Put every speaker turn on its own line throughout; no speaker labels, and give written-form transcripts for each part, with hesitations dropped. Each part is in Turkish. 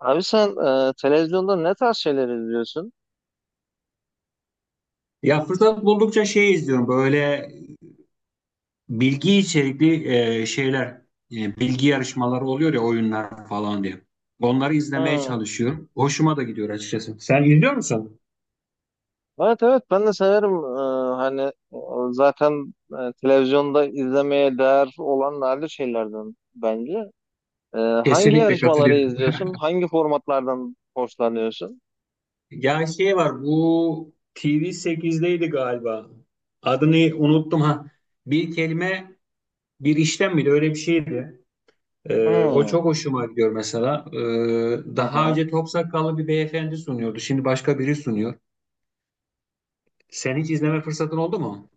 Abi sen, televizyonda ne tarz şeyler izliyorsun?
Ya fırsat buldukça şey izliyorum böyle bilgi içerikli şeyler, bilgi yarışmaları oluyor ya, oyunlar falan diye. Onları izlemeye
Hmm.
çalışıyorum. Hoşuma da gidiyor açıkçası. Sen izliyor musun?
Evet evet, ben de severim. Hani, e, zaten televizyonda izlemeye değer olan nadir şeylerden bence. Hangi
Kesinlikle
yarışmaları
katılıyorum.
izliyorsun? Hangi formatlardan hoşlanıyorsun?
Ya şey var, bu TV8'deydi galiba. Adını unuttum ha. Bir kelime bir işlem miydi, öyle bir şeydi. O
Hmm.
çok hoşuma gidiyor mesela.
Hı
Daha
hı.
önce Topsakallı bir beyefendi sunuyordu. Şimdi başka biri sunuyor. Sen hiç izleme fırsatın oldu mu?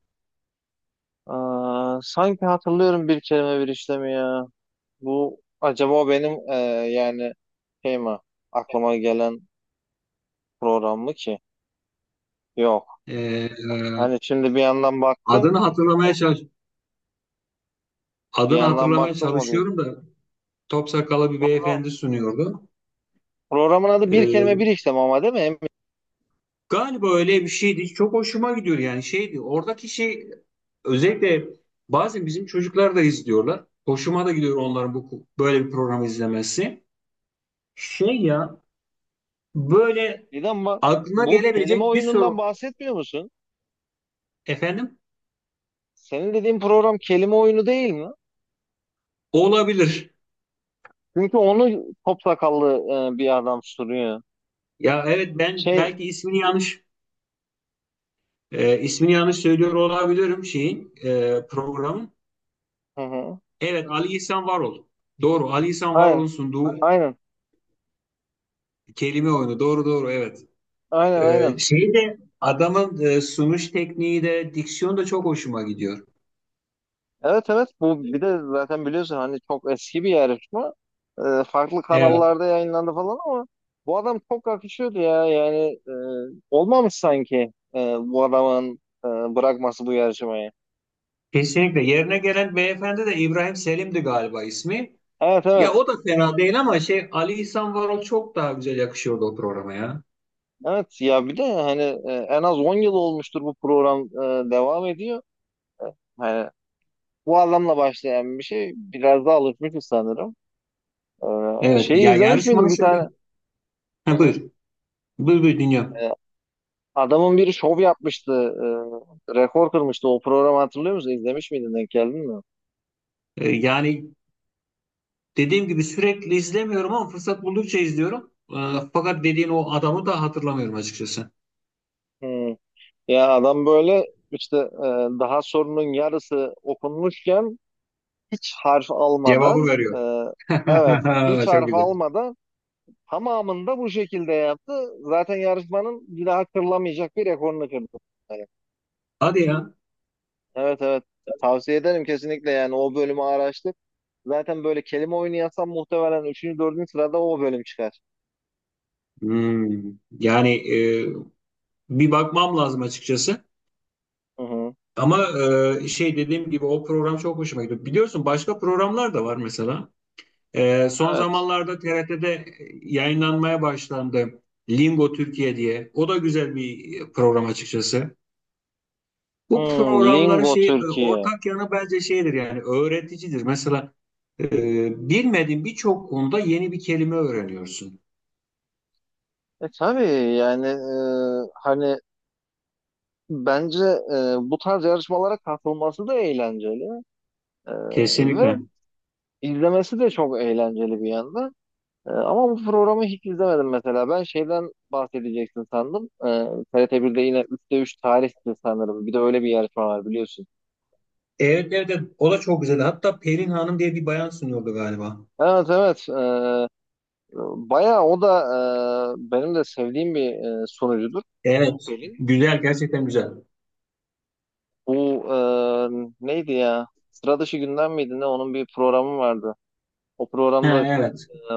Aa, sanki hatırlıyorum bir kelime bir işlemi ya. Bu acaba o benim yani şey mi, aklıma gelen program mı ki? Yok.
Ee,
Hani şimdi bir yandan baktım.
adını hatırlamaya çalış
Bir
Adını
yandan
hatırlamaya
baktım, o değil.
çalışıyorum da top sakallı bir
Program-
beyefendi sunuyordu.
Programın adı bir kelime
Ee,
bir işlem ama, değil mi? Emin
Galiba öyle bir şeydi. Çok hoşuma gidiyor, yani şeydi. Oradaki şey, özellikle bazen bizim çocuklar da izliyorlar. Hoşuma da gidiyor onların bu böyle bir programı izlemesi. Şey ya, böyle
değil, ama
aklına
bu kelime
gelebilecek bir
oyunundan
soru,
bahsetmiyor musun?
efendim,
Senin dediğin program kelime oyunu değil mi?
olabilir.
Çünkü onu top sakallı bir adam soruyor.
Ya evet, ben
Şey,
belki ismini yanlış. İsmini yanlış söylüyor olabilirim şeyin, programın.
hı hı.
Evet, Ali İhsan Varol. Doğru, Ali İhsan
Aynen,
Varol'un sunduğu
aynen,
kelime oyunu. Doğru doğru, evet.
aynen, aynen.
Şey de adamın, sunuş tekniği de, diksiyon da çok hoşuma gidiyor.
Evet evet, bu bir de zaten biliyorsun, hani çok eski bir yarışma. Farklı
Evet.
kanallarda yayınlandı falan ama bu adam çok akışıyordu ya. Yani e, olmamış sanki bu adamın bırakması bu yarışmayı.
Kesinlikle. Yerine gelen beyefendi de İbrahim Selim'di galiba ismi.
Evet
Ya
evet.
o da fena değil ama şey, Ali İhsan Varol çok daha güzel yakışıyordu o programa ya.
Evet ya, bir de hani en az 10 yıl olmuştur bu program devam ediyor. Hani bu adamla başlayan bir şey, biraz daha alışmışız sanırım. Ee,
Evet.
şeyi
Ya
izlemiş
yarışmanın
miydin bir
şöyle.
tane? Hı
Ha,
hı.
buyur. Buyur buyur, dinliyorum.
Adamın biri şov yapmıştı, rekor kırmıştı. O programı hatırlıyor musun? İzlemiş miydin? Denk geldin mi?
Ee, Yani Dediğim gibi sürekli izlemiyorum ama fırsat buldukça izliyorum. Ee, Fakat dediğin o adamı da hatırlamıyorum açıkçası.
Hmm. Ya adam böyle işte daha sorunun yarısı okunmuşken, hiç harf
Cevabı
almadan
veriyor.
evet, hiç
Çok
harf
güzel.
almadan tamamında bu şekilde yaptı. Zaten yarışmanın bir daha kırılamayacak bir rekorunu kırdı. Yani,
Hadi ya.
evet evet, tavsiye ederim kesinlikle, yani o bölümü araştır. Zaten böyle kelime oyunu yazsam, muhtemelen 3. 4. sırada o bölüm çıkar.
Hmm. Yani, e, bir bakmam lazım açıkçası.
Hı hı.
Ama, şey, dediğim gibi o program çok hoşuma gidiyor. Biliyorsun başka programlar da var mesela. E, son
Evet.
zamanlarda TRT'de yayınlanmaya başlandı. Lingo Türkiye diye. O da güzel bir program açıkçası. Bu
Hmm,
programların
Lingo
şey,
Türkiye.
ortak yanı bence şeydir, yani öğreticidir. Mesela e, bilmediğin birçok konuda yeni bir kelime öğreniyorsun.
Tabii yani, hani bence bu tarz yarışmalara katılması da eğlenceli E, ve
Kesinlikle.
izlemesi de çok eğlenceli bir yandan. Ama bu programı hiç izlemedim mesela. Ben şeyden bahsedeceksin sandım. TRT1'de yine 3'te 3 tarihti sanırım. Bir de öyle bir yarışma var biliyorsun.
Evet evet evet. O da çok güzel. Hatta Pelin Hanım diye bir bayan sunuyordu galiba.
Evet evet. Bayağı o da benim de sevdiğim bir sunucudur.
Evet.
Pelin.
Güzel, gerçekten güzel.
Bu neydi ya? Sıra dışı gündem miydi ne? Onun bir programı vardı. O programda da
Ha,
çok
evet.
e,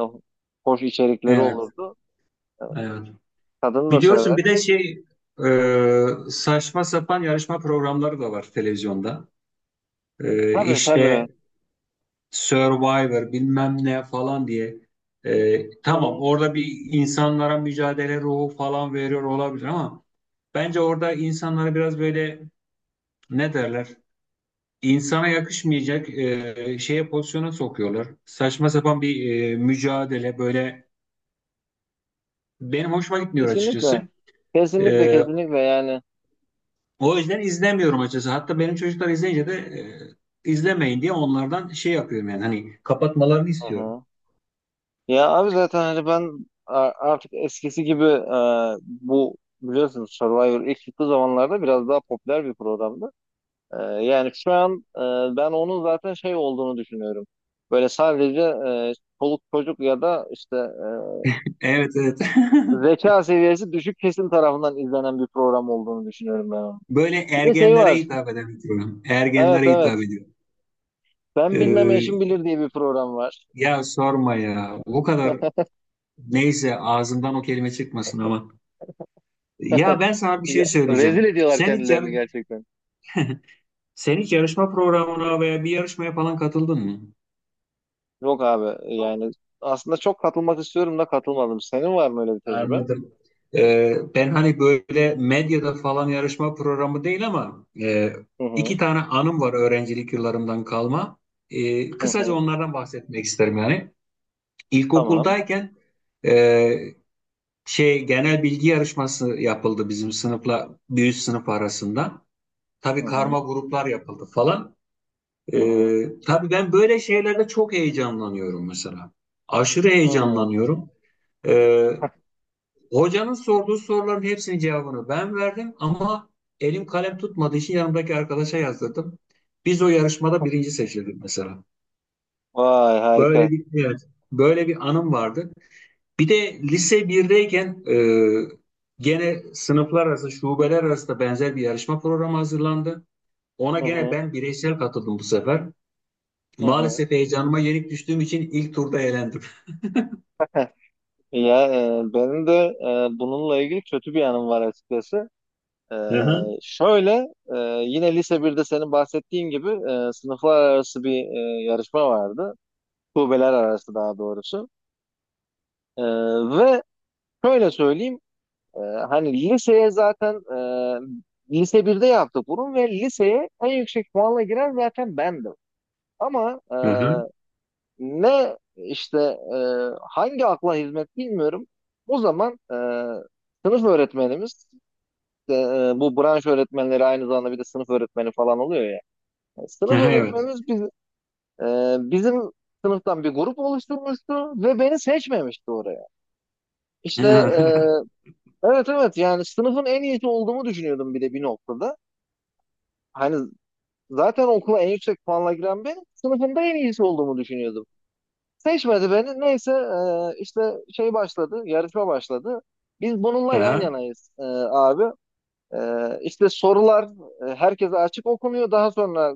hoş içerikleri
Evet.
olurdu.
Evet.
Kadın da
Biliyorsun
sever.
bir de şey, saçma sapan yarışma programları da var televizyonda. E,
Tabii tabii.
işte Survivor bilmem ne falan diye. Tamam,
Hı-hı.
orada bir insanlara mücadele ruhu falan veriyor olabilir ama bence orada insanları biraz böyle, ne derler, İnsana yakışmayacak şeye, pozisyona sokuyorlar. Saçma sapan bir mücadele, böyle benim hoşuma gitmiyor açıkçası.
Kesinlikle. Kesinlikle,
Ee,
kesinlikle yani.
O yüzden izlemiyorum açıkçası. Hatta benim çocuklar izleyince de izlemeyin diye onlardan şey yapıyorum, yani hani kapatmalarını istiyorum.
Hı-hı. Ya abi, zaten hani ben artık eskisi gibi bu, biliyorsunuz, Survivor ilk çıktığı zamanlarda biraz daha popüler bir programdı. Yani şu an ben onun zaten şey olduğunu düşünüyorum. Böyle sadece çoluk çocuk ya da işte
Evet evet.
zeka seviyesi düşük kesim tarafından izlenen bir program olduğunu düşünüyorum ben onun.
Böyle
Bir de şey
ergenlere
var.
hitap eden bir program.
Evet
Ergenlere hitap
evet.
ediyor.
Ben bilmem eşim
Ee,
bilir diye bir program var.
Ya sorma ya. O kadar, neyse, ağzımdan o kelime çıkmasın ama. Ya, ben sana bir şey
Ya, rezil
söyleyeceğim.
ediyorlar kendilerini gerçekten.
Sen hiç yarışma programına veya bir yarışmaya falan katıldın mı?
Yok abi, yani aslında çok katılmak istiyorum da katılmadım. Senin var mı öyle bir tecrübe?
Anladım. Ben hani böyle medyada falan yarışma programı değil ama
Hı
iki
hı.
tane anım var öğrencilik yıllarımdan kalma.
Hı
Kısaca
hı.
onlardan bahsetmek isterim yani.
Tamam.
İlkokuldayken e, şey, genel bilgi yarışması yapıldı bizim sınıfla bir üst sınıf arasında.
Hı
Tabii karma
hı.
gruplar yapıldı falan.
Hı hı.
Tabii ben böyle şeylerde çok heyecanlanıyorum mesela. Aşırı
Hı.
heyecanlanıyorum. Ee, Hocanın sorduğu soruların hepsinin cevabını ben verdim ama elim kalem tutmadığı için yanımdaki arkadaşa yazdırdım. Biz o yarışmada birinci seçildik mesela.
Vay, harika.
Böyle bir evet, böyle bir anım vardı. Bir de lise birdeyken gene sınıflar arası, şubeler arası da benzer bir yarışma programı hazırlandı. Ona
Hı
gene
hı.
ben bireysel katıldım bu sefer.
Hı hı.
Maalesef heyecanıma yenik düştüğüm için ilk turda elendim.
Ya benim de bununla ilgili kötü bir anım var açıkçası. Ee,
Hı hı.
şöyle e, yine lise birde, senin bahsettiğin gibi, sınıflar arası bir yarışma vardı. Kulübeler arası daha doğrusu. E, ve şöyle söyleyeyim, hani liseye zaten lise birde yaptık bunu ve liseye en yüksek puanla giren zaten bendim. Ama
Hı hı.
ne işte, e, hangi akla hizmet bilmiyorum. O zaman sınıf öğretmenimiz, e, bu branş öğretmenleri aynı zamanda bir de sınıf öğretmeni falan oluyor ya.
Hı
Sınıf
hı, evet.
öğretmenimiz bizim sınıftan bir grup oluşturmuştu ve beni seçmemişti oraya.
Hı
İşte
hı.
evet evet, yani sınıfın en iyisi olduğumu düşünüyordum bir de bir noktada. Hani zaten okula en yüksek puanla giren ben, sınıfında en iyisi olduğumu düşünüyordum. Seçmedi beni. Neyse işte şey başladı, yarışma başladı. Biz
Hı
bununla yan
hı.
yanayız, abi. E, işte sorular herkese açık okunuyor. Daha sonra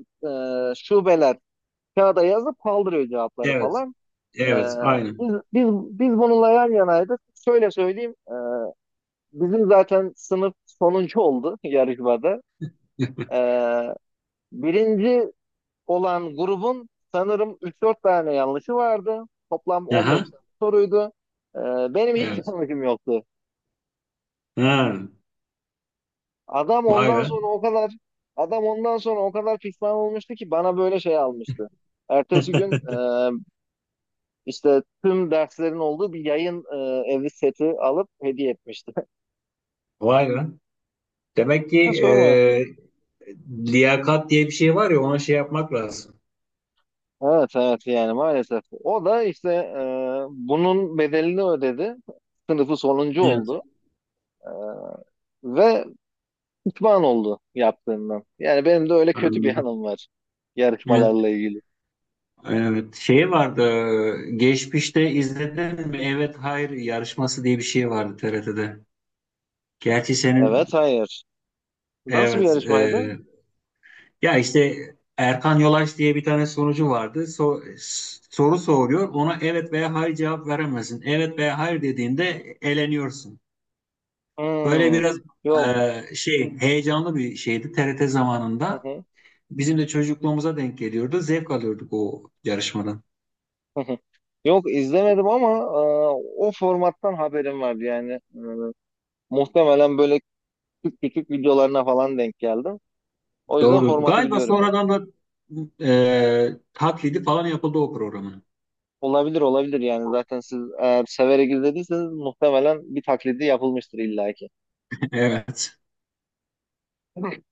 şubeler kağıda yazıp kaldırıyor cevapları
Evet.
falan. Ee,
Evet. Aynen.
biz, biz, biz bununla yan yanaydık. Şöyle söyleyeyim. Bizim zaten sınıf sonuncu oldu yarışmada. Ee, birinci olan grubun sanırım üç dört tane yanlışı vardı. Toplam on
Aha,
beş tane soruydu. Ee, benim hiç
evet.
yanlışım yoktu.
Ha,
Adam
vay
ondan sonra
be.
o kadar adam ondan sonra o kadar pişman olmuştu ki, bana böyle şey almıştı. Ertesi gün işte tüm derslerin olduğu bir yayın evi seti alıp hediye etmişti.
Vay be. Demek ki,
Sorma.
liyakat diye bir şey var ya, ona şey yapmak lazım.
Evet evet, yani maalesef. O da işte bunun bedelini ödedi. Sınıfı sonuncu
Evet,
oldu ve pişman oldu yaptığından. Yani benim de öyle kötü bir
anladım.
anım var
Evet.
yarışmalarla ilgili.
Evet. Şey vardı, geçmişte izledin mi? Evet hayır yarışması diye bir şey vardı TRT'de. Gerçi senin
Evet hayır. Nasıl bir
evet,
yarışmaydı?
ya işte Erkan Yolaç diye bir tane sunucu vardı. Soru soruyor. Ona evet veya hayır cevap veremezsin. Evet veya hayır dediğinde eleniyorsun. Böyle
Hmm,
biraz
yok.
şey, heyecanlı bir şeydi TRT
Hı
zamanında.
hı,
Bizim de çocukluğumuza denk geliyordu. Zevk alıyorduk o yarışmadan.
hı hı. Yok izlemedim ama o formattan haberim vardı yani. Muhtemelen böyle küçük küçük videolarına falan denk geldim. O yüzden
Doğru.
formatı
Galiba
biliyorum.
sonradan da taklidi falan yapıldı o programın.
Olabilir olabilir, yani zaten siz eğer severek izlediyseniz muhtemelen bir taklidi yapılmıştır illaki.
Evet.